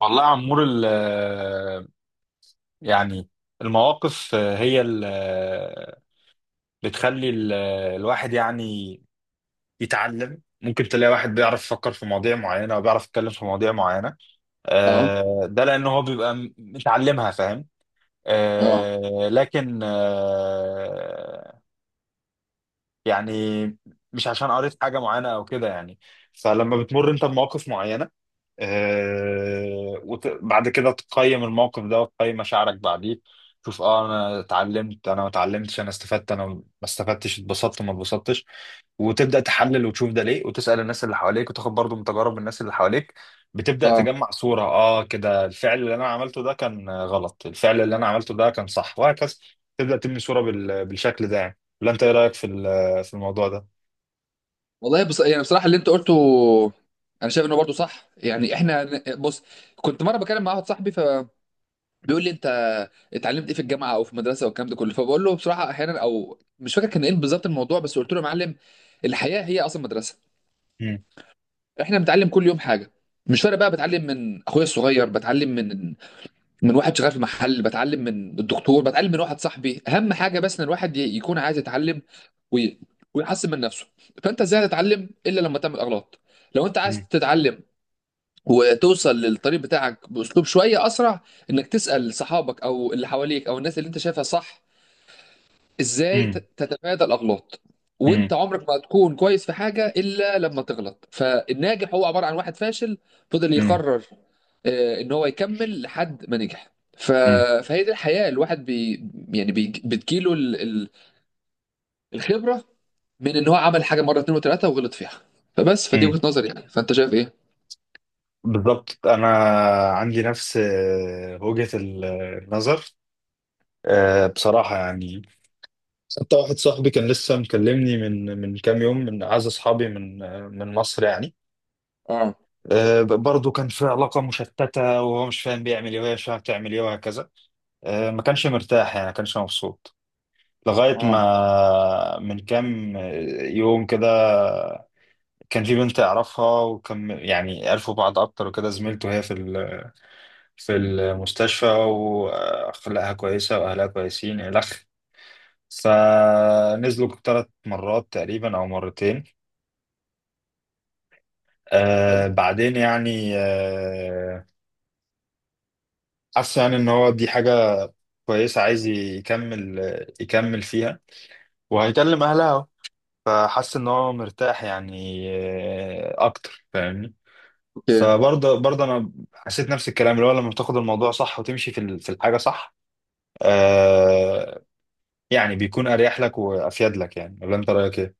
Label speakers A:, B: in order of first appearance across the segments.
A: والله يا عمور يعني المواقف هي اللي بتخلي الواحد يعني يتعلم. ممكن تلاقي واحد بيعرف يفكر في مواضيع معينة وبيعرف يتكلم في مواضيع معينة.
B: اه
A: ده لأن هو بيبقى متعلمها، فاهم.
B: اه
A: لكن يعني مش عشان قريت حاجة معينة أو كده يعني. فلما بتمر أنت بمواقف معينة، وبعد كده تقيم الموقف ده وتقيم مشاعرك بعديه، تشوف انا اتعلمت انا ما اتعلمتش، انا استفدت انا ما استفدتش، اتبسطت ما اتبسطتش، وتبدا تحلل وتشوف ده ليه، وتسال الناس اللي حواليك، وتاخد برضو من تجارب الناس اللي حواليك. بتبدا
B: اه،
A: تجمع صوره، كده الفعل اللي انا عملته ده كان غلط، الفعل اللي انا عملته ده كان صح، وهكذا. تبدا تبني صوره بالشكل ده يعني. ولا انت ايه رايك في في الموضوع ده؟
B: والله بص، يعني بصراحه اللي انت قلته انا شايف انه برضه صح. يعني احنا، بص، كنت مره بكلم مع واحد صاحبي فبيقول لي: انت اتعلمت ايه في الجامعه او في المدرسه والكلام ده كله؟ فبقول له بصراحه احيانا، او مش فاكر كان ايه بالظبط الموضوع، بس قلت له: يا معلم، الحياه هي اصلا مدرسه،
A: مم.
B: احنا بنتعلم كل يوم حاجه. مش فارق بقى، بتعلم من اخويا الصغير، بتعلم من واحد شغال في محل، بتعلم من الدكتور، بتعلم من واحد صاحبي. اهم حاجه بس ان الواحد يكون عايز يتعلم وي... ويحسن من نفسه. فانت ازاي هتتعلم الا لما تعمل اغلاط؟ لو انت عايز
A: مم.
B: تتعلم وتوصل للطريق بتاعك باسلوب شويه اسرع، انك تسال صحابك او اللي حواليك او الناس اللي انت شايفها صح ازاي
A: مم.
B: تتفادى الاغلاط. وانت
A: مم.
B: عمرك ما هتكون كويس في حاجه الا لما تغلط، فالناجح هو عباره عن واحد فاشل فضل يقرر ان هو يكمل لحد ما نجح. ف...
A: مم.
B: فهي دي الحياه، الواحد بتجيله الخبره من ان هو عمل حاجه مره اتنين وتلاته وغلط فيها. فبس، فدي
A: مم.
B: وجهه نظري، يعني فانت شايف ايه؟
A: بالضبط، انا عندي نفس وجهة النظر. بصراحة يعني، حتى واحد صاحبي كان لسه مكلمني من كام يوم، من اعز اصحابي، من مصر يعني.
B: اه
A: برضه كان في علاقة مشتتة، وهو مش فاهم بيعمل ايه، وهي مش فاهمة بتعمل ايه، وهكذا. ما كانش مرتاح، يعني ما كانش مبسوط، لغاية
B: اه،
A: ما من كام يوم كده، كان في بنت يعرفها، وكان يعني عرفوا بعض اكتر وكده، زميلته هي في المستشفى، وأخلاقها كويسة، وأهلها كويسين، إلخ. فنزلوا 3 مرات تقريبا أو مرتين.
B: حلو،
A: بعدين يعني حس يعني إن هو دي حاجة كويسة، عايز يكمل، يكمل فيها، وهيكلم أهلها أهو. فحس إن هو مرتاح، يعني أكتر، فاهمني.
B: اوكي.
A: فبرضه أنا حسيت نفس الكلام، اللي هو لما بتاخد الموضوع صح وتمشي في في الحاجة صح. آه، يعني بيكون اريح لك وافيد لك يعني. ولا انت رايك ايه؟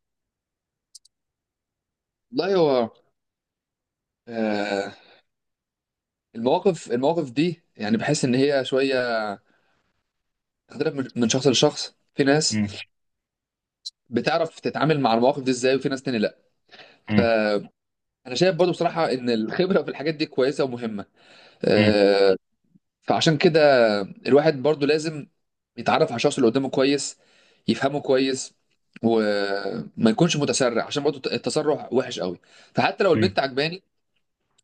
B: والله هو آه، المواقف دي يعني بحس ان هي شويه تختلف من شخص لشخص. في ناس
A: مم.
B: بتعرف تتعامل مع المواقف دي ازاي، وفي ناس تاني لا.
A: مم.
B: فانا شايف برضو بصراحه ان الخبره في الحاجات دي كويسه ومهمه
A: مم.
B: آه، فعشان كده الواحد برضو لازم يتعرف على الشخص اللي قدامه كويس، يفهمه كويس، وما يكونش متسرع، عشان برضو التسرع وحش قوي. فحتى لو
A: مم.
B: البنت عجباني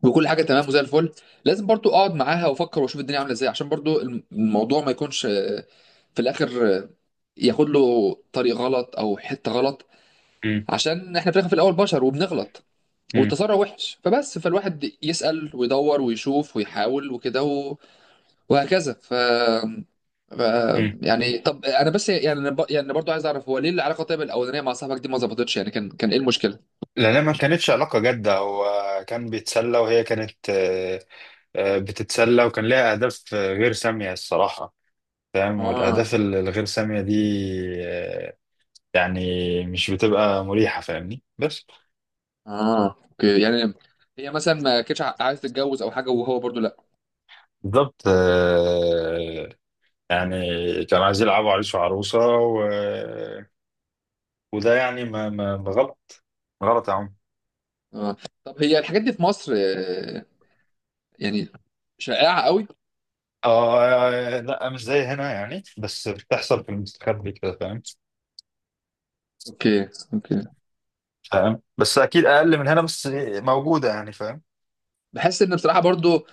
B: وكل حاجه تمام وزي الفل، لازم برضو اقعد معاها وافكر واشوف الدنيا عامله ازاي، عشان برضو الموضوع ما يكونش في الاخر ياخد له طريق غلط او حته غلط.
A: مم.
B: عشان احنا في الاخر في الاول بشر وبنغلط،
A: مم.
B: والتسرع وحش. فبس، فالواحد يسأل ويدور ويشوف ويحاول وكده وهكذا ف... ف
A: مم.
B: يعني طب انا بس، يعني يعني برضو عايز اعرف، هو ليه العلاقه طيب الاولانيه مع صاحبك دي ما ظبطتش؟ يعني كان ايه المشكله؟
A: لأنها ما كانتش علاقة جادة. هو كان بيتسلى، وهي كانت بتتسلى، وكان ليها أهداف غير سامية الصراحة. فاهم.
B: اه
A: والأهداف الغير سامية دي آه، يعني مش بتبقى مريحة، فاهمني، بس.
B: اه، اوكي. يعني هي مثلا ما كانتش عايز تتجوز او حاجه، وهو برضو لا؟
A: بالظبط يعني كانوا عايزين يلعبوا عريس وعروسة وده يعني ما غلط، غلط يا عم.
B: اه. طب هي الحاجات دي في مصر يعني شائعه قوي؟
A: اه، لا مش زي هنا يعني، بس بتحصل في المستخبي كده، فاهم.
B: اوكي، اوكي.
A: فاهم، بس اكيد اقل من هنا، بس موجوده يعني، فاهم.
B: بحس ان بصراحه برضو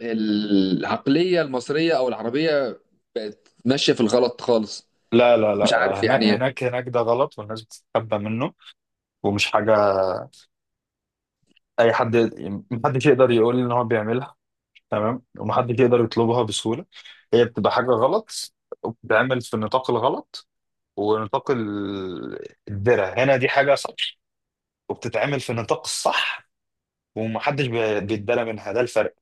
B: العقلية المصرية أو العربية بقت ماشية في الغلط خالص،
A: لا لا
B: مش
A: لا،
B: عارف
A: هناك
B: يعني إيه.
A: هناك هناك ده غلط، والناس بتتخبى منه، ومش حاجه اي حد، محدش يقدر يقول ان هو بيعملها تمام، ومحدش يقدر يطلبها بسهوله. هي بتبقى حاجه غلط، وبتتعمل في النطاق الغلط. ونطاق الدرع هنا دي حاجه صح، وبتتعمل في النطاق الصح. ومحدش بيتدلى منها، ده الفرق.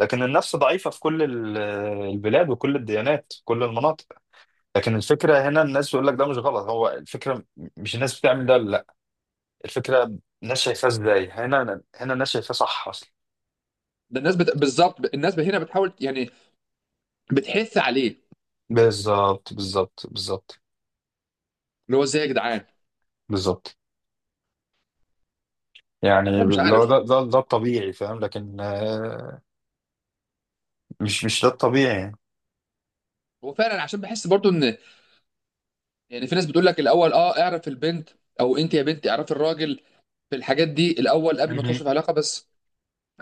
A: لكن النفس ضعيفة في كل البلاد، وكل الديانات، كل المناطق. لكن الفكرة هنا، الناس بيقول لك ده مش غلط، هو الفكرة، مش الناس بتعمل ده، لا. الفكرة الناس شايفاه ازاي. هنا، هنا الناس شايفاه صح اصلا.
B: ده الناس بالظبط الناس هنا بتحاول، يعني بتحث عليه،
A: بالظبط بالظبط بالظبط
B: اللي هو ازاي يا جدعان؟
A: بالظبط. يعني
B: لا مش
A: لو
B: عارف.
A: ده الطبيعي، فاهم. لكن مش ده الطبيعي يعني.
B: هو فعلا، عشان بحس برضو ان، يعني في ناس بتقول لك: الاول اه اعرف البنت، او انت يا بنتي اعرفي الراجل في الحاجات دي الاول قبل ما
A: مهم.
B: تخش في علاقة. بس،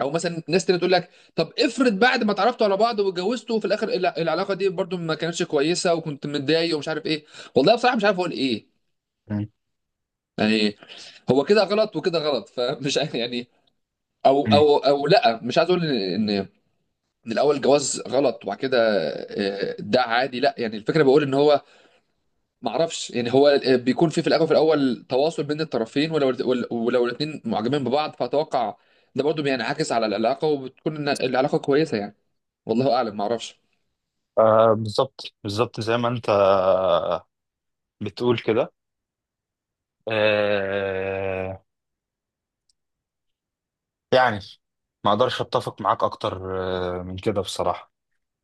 B: او مثلا ناس تانية تقول لك: طب افرض بعد ما اتعرفتوا على بعض واتجوزتوا، وفي الاخر العلاقة دي برضو ما كانتش كويسة، وكنت متضايق، ومش عارف ايه؟ والله بصراحة مش عارف اقول ايه.
A: مم.
B: يعني هو كده غلط وكده غلط، فمش عارف يعني. او
A: مم.
B: او او لا، مش عايز اقول ان من الاول جواز غلط، وبعد كده ده عادي لا. يعني الفكره بقول ان هو، ما اعرفش يعني، هو بيكون في الاول تواصل بين الطرفين، ولو ولو الاثنين معجبين ببعض فاتوقع ده برضه بينعكس على العلاقه، وبتكون إن العلاقه كويسه يعني. والله اعلم، ما اعرفش.
A: بالظبط بالظبط زي ما انت بتقول كده، آه يعني ما اقدرش اتفق معاك اكتر من كده بصراحة.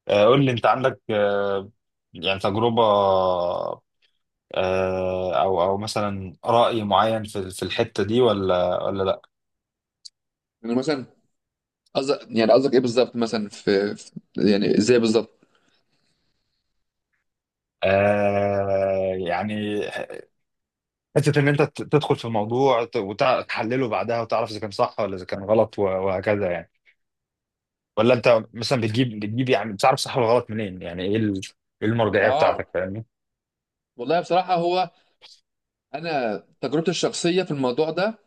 A: قول لي، انت عندك يعني تجربة او مثلا رأي معين في الحتة دي، ولا لا؟
B: يعني مثلا، قصدك ايه بالظبط؟ مثلا في يعني ازاي بالظبط؟
A: يعني حتة ان انت تدخل في الموضوع وتحلله بعدها، وتعرف اذا كان صح ولا اذا كان غلط وهكذا يعني. ولا انت مثلا بتجيب يعني بتعرف صح ولا غلط منين؟ يعني إيه المرجعية
B: اه،
A: بتاعتك؟ فاهمني.
B: والله بصراحه هو، انا تجربتي الشخصيه في الموضوع ده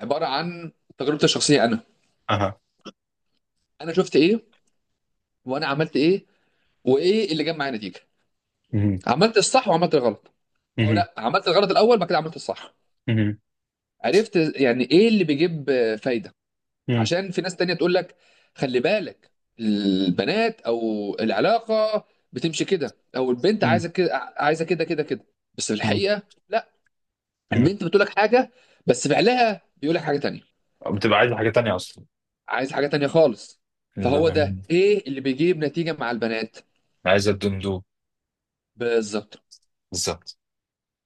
B: عباره عن تجربتي الشخصيه، انا
A: اها.
B: انا شفت ايه وانا عملت ايه وايه اللي جاب معايا نتيجه.
A: مهم.
B: عملت الصح وعملت الغلط، او
A: مهم.
B: لا، عملت الغلط الاول بعد كده عملت الصح.
A: مهم.
B: عرفت يعني ايه اللي بيجيب فايده. عشان في ناس تانية تقول لك: خلي بالك، البنات او العلاقه بتمشي كده، او البنت عايزه
A: مهم.
B: كده، عايزه كده كده كده. بس في
A: مهم.
B: الحقيقه لا،
A: مم.
B: البنت بتقول لك حاجه بس فعلها بيقول لك حاجه تانية،
A: بتبقى عايز حاجة تانية أصلا.
B: عايز حاجه تانية خالص.
A: بالظبط.
B: فهو ده
A: مم.
B: ايه اللي بيجيب نتيجه مع البنات،
A: عايز الدندو.
B: بالظبط.
A: بالظبط.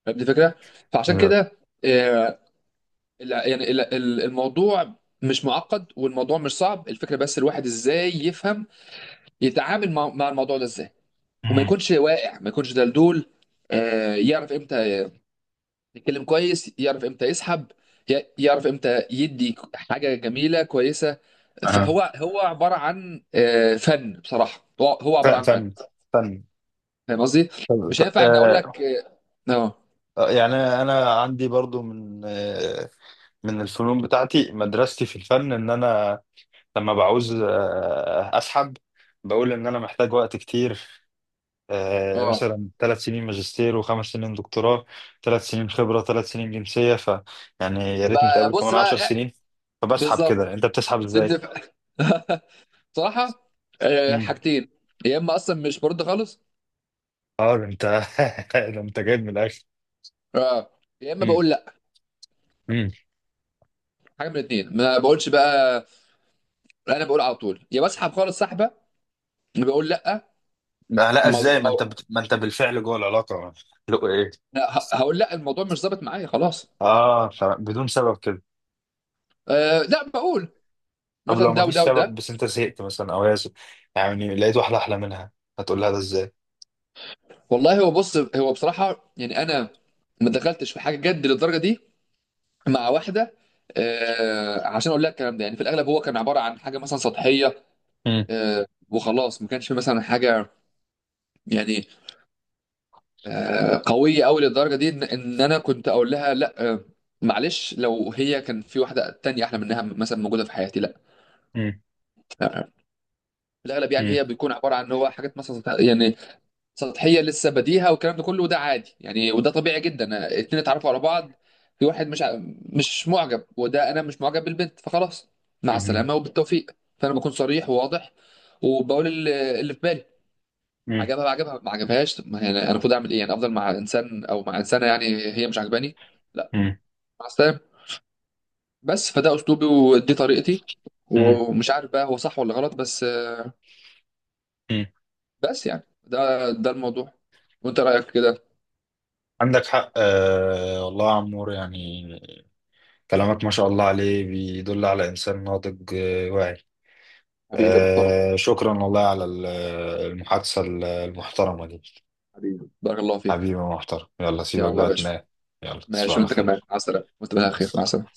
B: فهمت الفكره. فعشان
A: بالظبط.
B: كده آه، الموضوع مش معقد، والموضوع مش صعب. الفكره بس الواحد ازاي يفهم، يتعامل مع الموضوع ده ازاي، وما
A: مم.
B: يكونش واقع، ما يكونش دلدول يعرف امتى يتكلم كويس، يعرف امتى يسحب، يعرف امتى يدي حاجه جميله كويسه.
A: أها.
B: فهو، هو عباره عن فن. بصراحه هو هو عباره عن فن.
A: فن فن.
B: فاهم قصدي؟
A: طب
B: مش
A: طب
B: هينفع ان اقول لك اه اه
A: يعني انا عندي برضو من الفنون بتاعتي، مدرستي في الفن ان انا لما بعوز اسحب، بقول ان انا محتاج وقت كتير،
B: آه،
A: مثلا 3 سنين ماجستير، و5 سنين دكتوراه، 3 سنين خبرة، 3 سنين جنسية. يعني يا ريت
B: يبقى
A: نتقابل
B: بص
A: كمان
B: بقى
A: عشر
B: إيه،
A: سنين فبسحب
B: بالظبط.
A: كده. انت بتسحب ازاي؟
B: سيبني في صراحه حاجتين: يا اما اصلا مش برد خالص،
A: اه، ده انت ده انت جايب من الاخر.
B: اه، يا اما
A: مم.
B: بقول لا،
A: مم.
B: حاجه من الاثنين. ما بقولش بقى انا، بقول على طول يا بسحب خالص سحبه، بقول لا
A: ما لا، ازاي؟
B: الموضوع،
A: ما انت ما انت بالفعل جوه العلاقه. لو ايه؟
B: لا، هقول لا الموضوع مش ظابط معايا خلاص.
A: اه تمام، بدون سبب كده؟
B: لا بقول
A: طب لو
B: مثلا
A: ما
B: ده
A: فيش
B: وده
A: سبب،
B: وده.
A: بس انت زهقت مثلا، او هي زهقت، يعني لقيت واحده احلى منها، هتقول لها ده ازاي؟
B: والله هو، بص هو بصراحه يعني انا ما دخلتش في حاجه جد للدرجه دي مع واحده عشان اقول لها الكلام ده. يعني في الاغلب هو كان عباره عن حاجه مثلا سطحيه
A: مم.
B: وخلاص. ما كانش في مثلا حاجه يعني قويه قوي للدرجه دي إن انا كنت اقول لها لا معلش، لو هي كان في واحده تانية احلى منها مثلا موجوده في حياتي، لا
A: مم.
B: آه، الاغلب يعني
A: مم.
B: هي بيكون عباره عن هو حاجات مثلا سطحيه لسه بديهه والكلام ده كله، وده عادي يعني، وده طبيعي جدا اتنين اتعرفوا على بعض، في واحد مش مش معجب، وده انا مش معجب بالبنت فخلاص، مع
A: مم.
B: السلامه وبالتوفيق. فانا بكون صريح وواضح، وبقول اللي في بالي.
A: مم.
B: عجبها بقى، عجبها ما عجبهاش، طب ما يعني انا المفروض اعمل ايه؟ يعني افضل مع انسان او مع انسانه يعني هي مش عجباني؟ لا،
A: مم.
B: مع السلامه. بس فده اسلوبي ودي طريقتي،
A: مم.
B: ومش عارف بقى هو صح ولا غلط. بس
A: مم.
B: يعني ده الموضوع، وانت رايك كده.
A: عندك حق، والله يا عمور يعني، كلامك ما شاء الله عليه، بيدل على انسان ناضج، واعي.
B: حبيبي يا محترم.
A: شكرا والله على المحادثه المحترمه دي.
B: حبيبي بارك الله فيك.
A: حبيبي محترم، يلا سيبك
B: يلا يا
A: بقى
B: باشا.
A: تنام. يلا تصبح
B: ماشي،
A: على
B: وانت كمان
A: خير.
B: مع السلامه، وانت
A: مع
B: بخير، مع
A: السلامة.
B: السلامه.